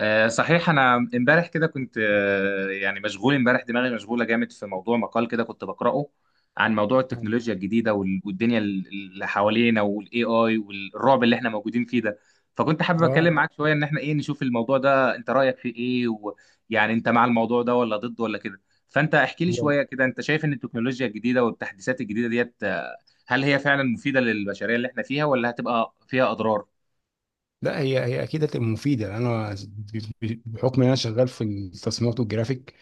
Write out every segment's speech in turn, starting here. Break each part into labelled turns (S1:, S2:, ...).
S1: صحيح، انا امبارح كده كنت يعني مشغول، امبارح دماغي مشغوله جامد في موضوع مقال كده كنت بقراه عن موضوع
S2: أيوة.
S1: التكنولوجيا الجديده والدنيا اللي حوالينا والاي اي والرعب اللي احنا موجودين فيه ده. فكنت حابب
S2: اه،
S1: اتكلم معاك شويه ان احنا ايه نشوف الموضوع ده، انت رايك فيه ايه؟ ويعني انت مع الموضوع ده ولا ضده ولا كده؟ فانت احكي لي
S2: هو
S1: شويه كده، انت شايف ان التكنولوجيا الجديده والتحديثات الجديده ديت، هل هي فعلا مفيده للبشريه اللي احنا فيها ولا هتبقى فيها اضرار؟
S2: لا، هي اكيد هتبقى مفيده. انا بحكم ان انا شغال في التصميمات والجرافيك،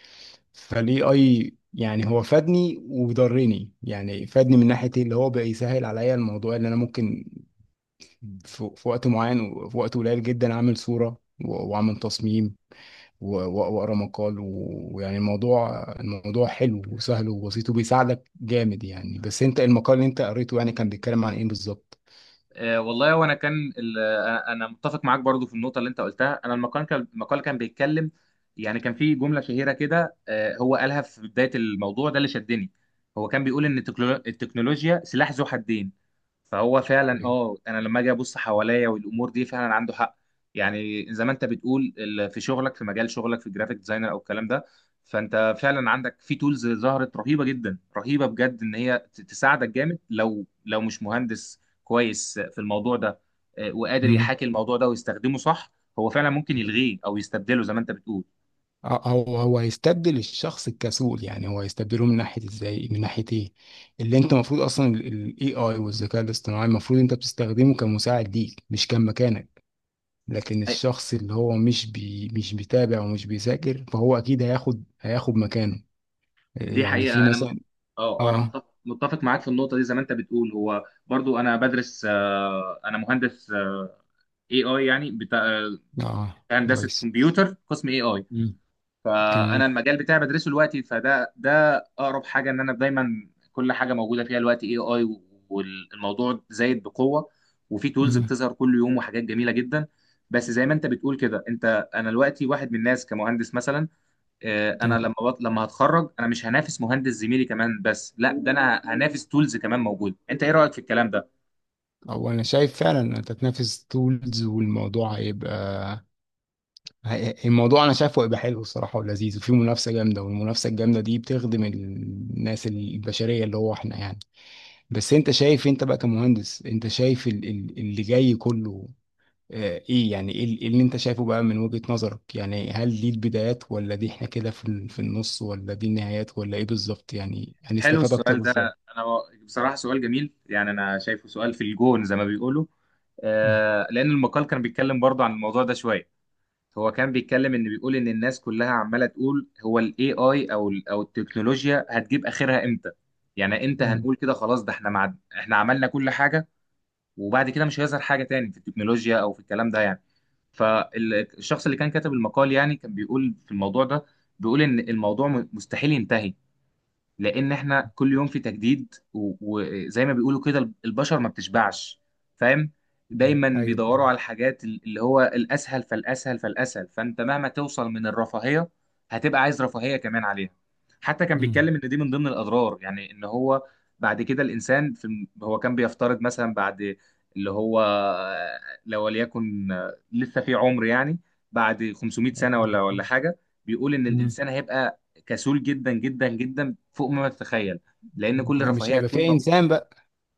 S2: فالاي اي يعني هو فادني وضرني، يعني فادني من ناحيه إيه؟ اللي هو بقى يسهل عليا الموضوع اللي انا ممكن في وقت معين وفي وقت قليل جدا اعمل صوره واعمل تصميم واقرا مقال ويعني الموضوع حلو وسهل وبسيط وبيساعدك جامد يعني. بس انت المقال اللي انت قريته، يعني كان بيتكلم عن ايه بالظبط؟
S1: والله، وانا كان انا متفق معاك برضو في النقطه اللي انت قلتها. انا المقال كان بيتكلم. يعني كان في جمله شهيره كده هو قالها في بدايه الموضوع ده اللي شدني. هو كان بيقول ان التكنولوجيا سلاح ذو حدين. فهو فعلا
S2: أيوة.
S1: انا لما اجي ابص حواليا والامور دي فعلا عنده حق. يعني زي ما انت بتقول في شغلك، في مجال شغلك في جرافيك ديزاينر او الكلام ده، فانت فعلا عندك في تولز ظهرت رهيبه جدا، رهيبه بجد، ان هي تساعدك جامد لو مش مهندس كويس في الموضوع ده، وقادر
S2: مم.
S1: يحاكي الموضوع ده ويستخدمه صح. هو فعلا ممكن يلغيه او يستبدله زي ما انت بتقول.
S2: او هو هيستبدل الشخص الكسول، يعني هو هيستبدله من ناحيه ازاي، من ناحيه ايه. اللي انت المفروض اصلا، الاي اي والذكاء الاصطناعي المفروض انت بتستخدمه كمساعد ليك، مش كان مكانك. لكن
S1: أي-
S2: الشخص اللي هو مش بيتابع ومش بيذاكر، فهو اكيد هياخد مكانه.
S1: دي
S2: يعني في
S1: حقيقه. انا
S2: مثلا.
S1: اه، انا
S2: اه،
S1: متفق معاك في النقطه دي. زي ما انت بتقول، هو برضو انا بدرس، انا مهندس، اي اي، يعني بتاع
S2: اه،
S1: هندسه
S2: كويس.
S1: كمبيوتر، قسم اي اي.
S2: مم، كمان.
S1: فانا المجال بتاعي بدرسه دلوقتي، ده اقرب حاجه، ان انا دايما كل حاجه موجوده فيها دلوقتي اي اي، والموضوع زايد بقوه، وفي تولز
S2: مم،
S1: بتظهر كل يوم وحاجات جميله جدا. بس زي ما انت بتقول كده، انا دلوقتي واحد من الناس كمهندس مثلا، انا
S2: تمام.
S1: لما هتخرج انا مش هنافس مهندس زميلي كمان، بس لا، ده انا هنافس تولز كمان موجوده. انت ايه رايك في الكلام ده؟
S2: هو انا شايف فعلا انت تنافس تولز، والموضوع هيبقى، الموضوع انا شايفه هيبقى حلو الصراحه ولذيذ، وفي منافسه جامده، والمنافسه الجامده دي بتخدم الناس البشريه اللي هو احنا يعني. بس انت شايف انت بقى كمهندس، انت شايف اللي جاي كله ايه؟ يعني ايه إيه اللي انت شايفه بقى من وجهه نظرك؟ يعني هل دي البدايات، ولا دي احنا كده في النص، ولا دي النهايات، ولا ايه بالظبط؟ يعني
S1: حلو
S2: هنستفاد اكتر
S1: السؤال ده.
S2: ازاي؟
S1: انا بصراحه سؤال جميل، يعني انا شايفه سؤال في الجون زي ما بيقولوا.
S2: مم.
S1: لان المقال كان بيتكلم برضه عن الموضوع ده شويه. هو كان بيتكلم، ان بيقول ان الناس كلها عماله تقول هو الاي اي او ال او التكنولوجيا هتجيب اخرها امتى. يعني امتى
S2: مم.
S1: هنقول كده خلاص ده، احنا احنا عملنا كل حاجه، وبعد كده مش هيظهر حاجه تاني في التكنولوجيا او في الكلام ده يعني. فالشخص اللي كان كاتب المقال، يعني كان بيقول في الموضوع ده، بيقول ان الموضوع مستحيل ينتهي، لان احنا كل يوم في تجديد، وزي ما بيقولوا كده، البشر ما بتشبعش، فاهم؟
S2: مم.
S1: دايما
S2: ايوه.
S1: بيدوروا على الحاجات اللي هو الاسهل فالاسهل فالاسهل. فانت مهما توصل من الرفاهيه، هتبقى عايز رفاهيه كمان عليها. حتى كان
S2: مم.
S1: بيتكلم ان دي من ضمن الاضرار، يعني ان هو بعد كده الانسان في هو كان بيفترض مثلا بعد، اللي هو لو وليكن لسه في عمر يعني، بعد 500 سنه ولا
S2: مم.
S1: حاجه، بيقول ان
S2: مم.
S1: الانسان هيبقى كسول جدا جدا جدا، فوق ما تتخيل، لان كل
S2: مش
S1: رفاهيه
S2: هيبقى
S1: هتكون
S2: فيه انسان بقى.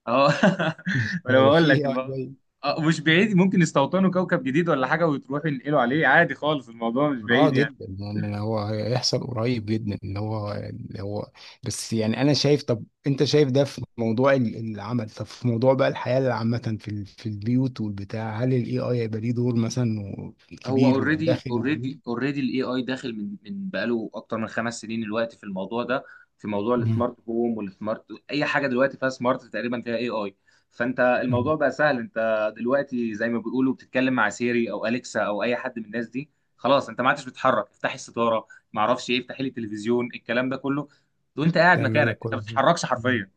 S1: اه
S2: مش
S1: وانا
S2: هيبقى
S1: بقول لك
S2: فيه AI جاي.
S1: مش بعيد ممكن يستوطنوا كوكب جديد ولا حاجه، وتروحوا ينقلوا عليه عادي خالص، الموضوع مش
S2: اه،
S1: بعيد يعني.
S2: جدا، يعني هو هيحصل قريب جدا، اللي هو. بس يعني انا شايف، طب انت شايف ده في موضوع العمل، طب في موضوع بقى الحياة عامة في البيوت والبتاع، هل الاي اي هيبقى ليه دور مثلا
S1: هو
S2: كبير وداخل البيوت؟
S1: اوريدي الاي اي داخل من بقاله اكتر من 5 سنين دلوقتي في الموضوع ده. في موضوع
S2: مم.
S1: السمارت هوم والسمارت، اي حاجه دلوقتي فيها سمارت تقريبا فيها اي اي. فانت الموضوع
S2: مم.
S1: بقى سهل. انت دلوقتي زي ما بيقولوا بتتكلم مع سيري او اليكسا او اي حد من الناس دي، خلاص انت ما عادش بتتحرك. افتحي الستاره، ما اعرفش ايه، افتحي لي التلفزيون، الكلام ده كله وانت قاعد
S2: تعمل لك
S1: مكانك، انت
S2: كل
S1: ما
S2: حاجة.
S1: بتتحركش
S2: مم.
S1: حرفيا.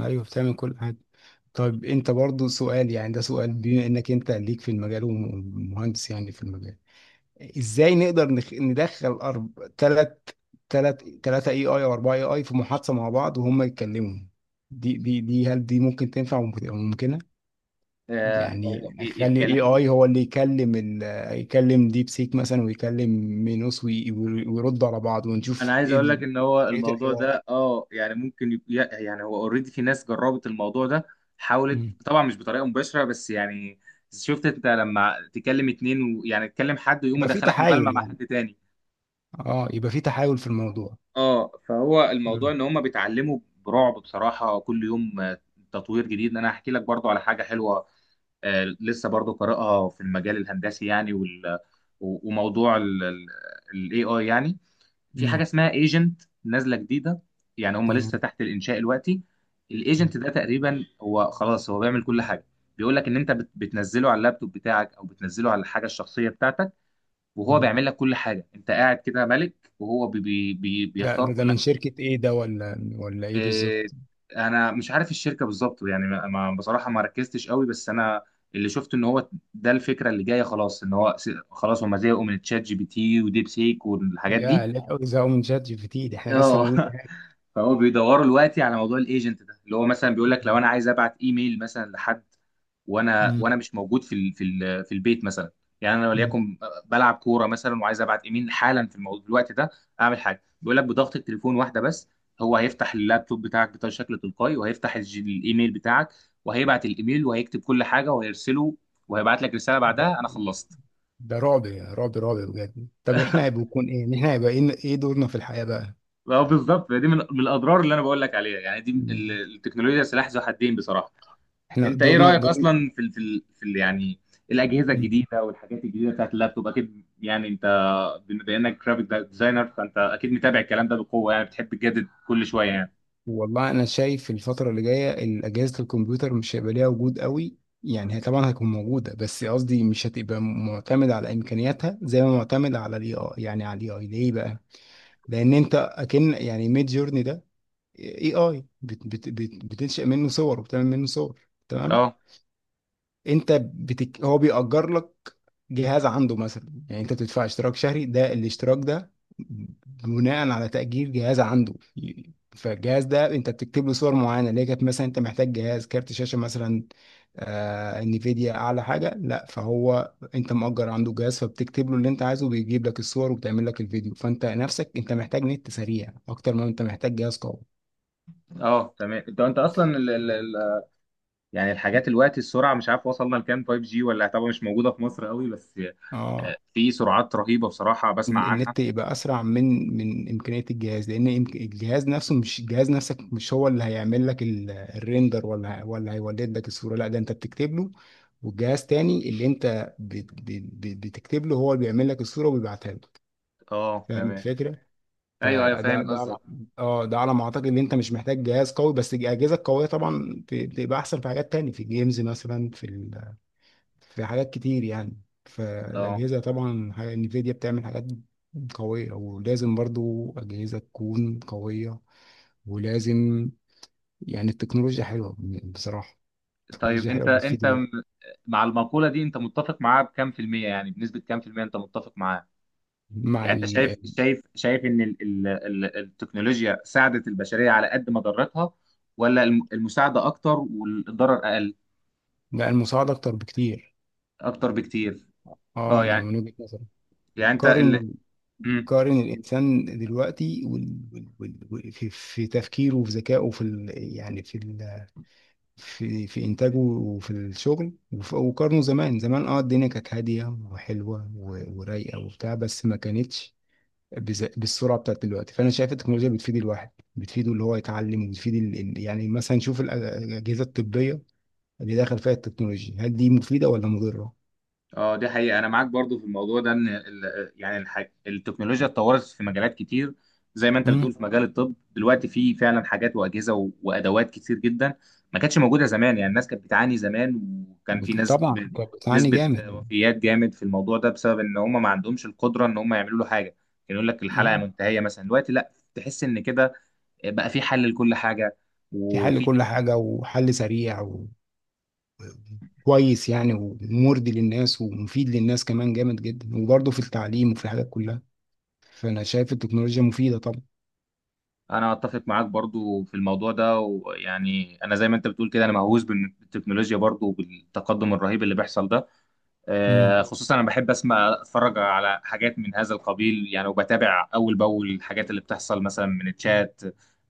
S2: ايوه، بتعمل كل حاجة. طيب انت برضو سؤال، يعني ده سؤال بما انك انت ليك في المجال ومهندس يعني في المجال. ازاي نقدر ندخل تلاتة اي اي او اربعة اي اي في محادثة مع بعض وهم يتكلموا؟ دي، هل دي ممكن تنفع وممكنة؟
S1: هو
S2: يعني اخلي الاي
S1: يتكلموا.
S2: اي هو اللي يكلم يكلم ديب سيك مثلا، ويكلم مينوس، ويرد على بعض
S1: انا
S2: ونشوف
S1: عايز
S2: ايه
S1: اقول لك ان هو
S2: طريقة
S1: الموضوع
S2: الحوار.
S1: ده اه يعني ممكن يعني هو اوريدي في ناس جربت الموضوع ده. حاولت
S2: مم.
S1: طبعا، مش بطريقه مباشره، بس يعني شفت انت لما تكلم اتنين، ويعني تكلم حد ويقوم
S2: يبقى في
S1: يدخلك مكالمه
S2: تحايل
S1: مع
S2: يعني.
S1: حد تاني.
S2: اه، يبقى في تحايل في الموضوع.
S1: اه، فهو الموضوع
S2: مم.
S1: ان هم بيتعلموا برعب بصراحه كل يوم، تطوير جديد. انا هحكي لك برضو على حاجه حلوه، لسه برضو قارئها في المجال الهندسي يعني، وموضوع الاي اي يعني. في حاجه
S2: مم.
S1: اسمها ايجنت نازله جديده. يعني هم لسه
S2: تمام.
S1: تحت الانشاء دلوقتي.
S2: مم.
S1: الايجنت ده تقريبا هو خلاص هو بيعمل كل حاجه، بيقول لك ان انت بتنزله على اللابتوب بتاعك او بتنزله على الحاجه الشخصيه بتاعتك، وهو
S2: مم.
S1: بيعمل لك كل حاجه. انت قاعد كده ملك، وهو بي بي بي
S2: ده
S1: بيختار
S2: ده ده
S1: كل
S2: من
S1: حاجه.
S2: شركة ايه ده؟ ولا ايه
S1: إيه،
S2: بالظبط؟
S1: انا مش عارف الشركه بالظبط يعني، بصراحه ما ركزتش قوي، بس انا اللي شفت ان هو ده الفكره اللي جايه. خلاص ان هو خلاص هم زهقوا من تشات جي بي تي وديب سيك والحاجات دي.
S2: يا لا، زهقوا من شات جي بي تي؟ ده احنا لسه
S1: اه
S2: بنقول إيه؟
S1: فهو بيدوروا دلوقتي على موضوع الايجنت ده، اللي هو مثلا بيقول لك لو
S2: مم.
S1: انا عايز ابعت ايميل مثلا لحد،
S2: مم.
S1: وانا مش موجود في البيت مثلا، يعني انا
S2: مم.
S1: وليكن بلعب كوره مثلا، وعايز ابعت ايميل حالا في الوقت ده، اعمل حاجه، بيقول لك بضغط التليفون واحده بس، هو هيفتح اللابتوب بتاعك بشكل تلقائي، وهيفتح الايميل بتاعك، وهيبعت الايميل، وهيكتب كل حاجه وهيرسله، وهيبعت لك رساله
S2: ده
S1: بعدها انا خلصت.
S2: ده رعب، رعب، رعب بجد. طب احنا هيبقى يكون ايه؟ احنا هيبقى ايه؟ إيه دورنا في الحياة بقى؟
S1: اه، بالظبط، دي من الاضرار اللي انا بقول لك عليها، يعني دي
S2: مم.
S1: التكنولوجيا سلاح ذو حدين بصراحه.
S2: احنا
S1: انت ايه
S2: دورنا
S1: رايك
S2: دور.
S1: اصلا في ال في ال في ال يعني الاجهزه
S2: مم.
S1: الجديده والحاجات الجديده بتاعت اللابتوب؟ اكيد يعني انت، بما انك جرافيك ديزاينر، فانت اكيد متابع الكلام ده بقوه يعني، بتحب تجدد كل شويه يعني.
S2: والله انا شايف الفترة اللي جاية أجهزة الكمبيوتر مش هيبقى ليها وجود قوي. يعني هي طبعا هتكون موجودة، بس قصدي مش هتبقى معتمد على إمكانياتها زي ما معتمد على الاي اي. يعني على الاي اي ليه بقى؟ لأن أنت أكن يعني ميد جورني ده اي اي، بت بتنشئ منه صور وبتعمل منه صور. تمام.
S1: اه،
S2: انت هو بيأجر لك جهاز عنده مثلا. يعني انت بتدفع اشتراك شهري، ده الاشتراك ده بناء على تأجير جهاز عنده. فالجهاز ده انت بتكتب له صور معينه، اللي هي كانت مثلا انت محتاج جهاز كارت شاشه مثلا، انفيديا اعلى حاجه، لا، فهو انت مأجر عنده جهاز، فبتكتب له اللي انت عايزه، بيجيب لك الصور وبتعمل لك الفيديو، فانت نفسك انت محتاج نت سريع اكتر ما انت محتاج جهاز قوي.
S1: اه تمام. انت اصلا ال ال ال يعني الحاجات، الوقت، السرعه، مش عارف وصلنا لكام 5G، ولا طبعا مش موجوده في مصر قوي بس،
S2: اه،
S1: في سرعات رهيبه بصراحه بسمع عنها.
S2: النت يبقى اسرع من امكانيه الجهاز، لان الجهاز نفسه، مش الجهاز نفسك، مش هو اللي هيعمل لك الريندر، ولا هيولد لك الصوره، لا، ده انت بتكتب له، والجهاز تاني اللي انت بتكتب له هو اللي بيعمل لك الصوره وبيبعتها لك.
S1: اه
S2: فاهم
S1: تمام.
S2: الفكره؟
S1: ايوه، ايوه،
S2: فده
S1: فاهم
S2: ده على
S1: قصدك.
S2: اه، ده على ما اعتقد ان انت مش محتاج جهاز قوي، بس الاجهزه القويه طبعا بتبقى احسن في حاجات تانية، في الجيمز مثلا، في حاجات كتير يعني.
S1: اه،
S2: فالأجهزة طبعا انفيديا بتعمل حاجات قوية، ولازم برضو أجهزة تكون قوية، ولازم يعني. التكنولوجيا حلوة بصراحة.
S1: طيب،
S2: التكنولوجيا
S1: انت
S2: حلوة، بتفيد.
S1: مع المقولة دي انت متفق معاها بكام في المية؟ يعني بنسبة كام في المية انت متفق معاها؟
S2: مع
S1: يعني انت شايف
S2: ال-
S1: ان ال ال ال التكنولوجيا ساعدت البشرية على قد ما ضرتها، ولا المساعدة اكتر والضرر اقل؟
S2: لا، المساعدة أكتر بكتير.
S1: اكتر بكتير.
S2: اه،
S1: اه،
S2: أنا
S1: يعني،
S2: من وجهة نظري،
S1: انت
S2: قارن، قارن الإنسان دلوقتي في تفكيره وفي ذكائه، يعني في ال... في في انتاجه وفي الشغل وقارنه زمان. زمان اه، الدنيا كانت هاديه وحلوه ورايقه وبتاع، بس ما كانتش بالسرعه بتاعت دلوقتي. فانا شايف التكنولوجيا بتفيد الواحد، بتفيده اللي هو يتعلم، وبتفيد يعني مثلا نشوف الاجهزه الطبيه، اللي داخل فيها التكنولوجيا، هل دي مفيده ولا مضره؟
S1: اه، دي حقيقة، أنا معاك برضو في الموضوع ده، إن التكنولوجيا اتطورت في مجالات كتير. زي ما أنت بتقول،
S2: امم
S1: في مجال الطب دلوقتي في فعلا حاجات وأجهزة وأدوات كتير جدا ما كانتش موجودة زمان. يعني الناس كانت بتعاني زمان، وكان في ناس
S2: طبعا كانت بتعاني
S1: نسبة
S2: جامد.
S1: وفيات جامد في الموضوع ده، بسبب إن هم ما عندهمش القدرة إن هم يعملوا له حاجة. كان يقول لك الحلقة
S2: اه،
S1: منتهية مثلا. دلوقتي لا، تحس إن كده بقى في حل لكل حاجة،
S2: في حل
S1: وفي...
S2: كل حاجه وحل سريع كويس يعني، ومرضي للناس ومفيد للناس كمان جامد جدا، وبرضه في التعليم وفي الحاجات كلها، فانا شايف التكنولوجيا مفيده طبعا.
S1: انا اتفق معاك برضو في الموضوع ده. ويعني انا زي ما انت بتقول كده، انا مهووس بالتكنولوجيا برضو، وبالتقدم الرهيب اللي بيحصل ده،
S2: امم
S1: خصوصا انا بحب اسمع اتفرج على حاجات من هذا القبيل يعني، وبتابع اول باول الحاجات اللي بتحصل، مثلا من الشات،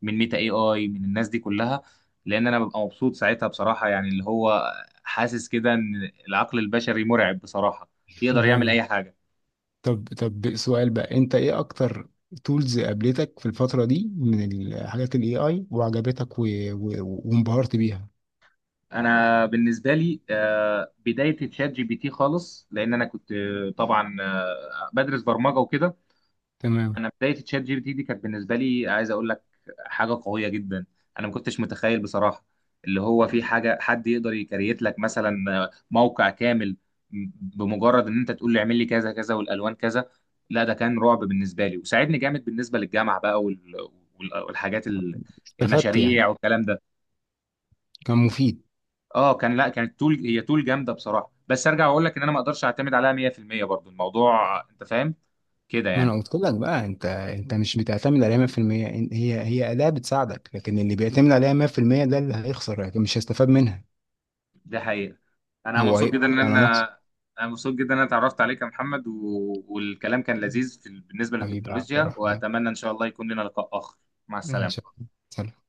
S1: من ميتا اي اي، من الناس دي كلها، لان انا ببقى مبسوط ساعتها بصراحة يعني. اللي هو حاسس كده ان العقل البشري مرعب بصراحة، يقدر يعمل
S2: ايوه.
S1: اي حاجة.
S2: طب سؤال بقى، انت ايه اكتر تولز قابلتك في الفتره دي من الحاجات الاي اي وعجبتك وانبهرت بيها؟
S1: انا بالنسبه لي بدايه تشات جي بي تي خالص، لان انا كنت طبعا بدرس برمجه وكده.
S2: تمام.
S1: انا بدايه تشات جي بي تي دي كانت بالنسبه لي، عايز اقول لك، حاجه قويه جدا. انا ما كنتش متخيل بصراحه اللي هو في حاجه حد يقدر يكريت لك مثلا موقع كامل بمجرد ان انت تقول له اعمل لي كذا كذا، والالوان كذا. لا، ده كان رعب بالنسبه لي، وساعدني جامد بالنسبه للجامعه بقى والحاجات،
S2: استفدت يعني،
S1: المشاريع والكلام ده.
S2: كان مفيد.
S1: اه، كان، لا، كانت تول، هي تول جامده بصراحه، بس ارجع واقول لك ان انا ما اقدرش اعتمد عليها 100% برضو الموضوع، انت فاهم كده
S2: ما انا
S1: يعني.
S2: قلت لك بقى، انت مش بتعتمد عليها 100%. هي اداه بتساعدك، لكن اللي بيعتمد عليها 100% ده اللي هيخسر، لكن مش هيستفاد منها،
S1: ده حقيقه. انا
S2: هو
S1: مبسوط جدا
S2: هيبعد
S1: ان
S2: على
S1: انا
S2: نفسه.
S1: انا مبسوط جدا ان انا اتعرفت عليك يا محمد، والكلام كان لذيذ بالنسبه
S2: حبيبي يا عبد
S1: للتكنولوجيا،
S2: الرحمن،
S1: واتمنى ان شاء الله يكون لنا لقاء اخر. مع
S2: ان شاء
S1: السلامه.
S2: الله، سلام.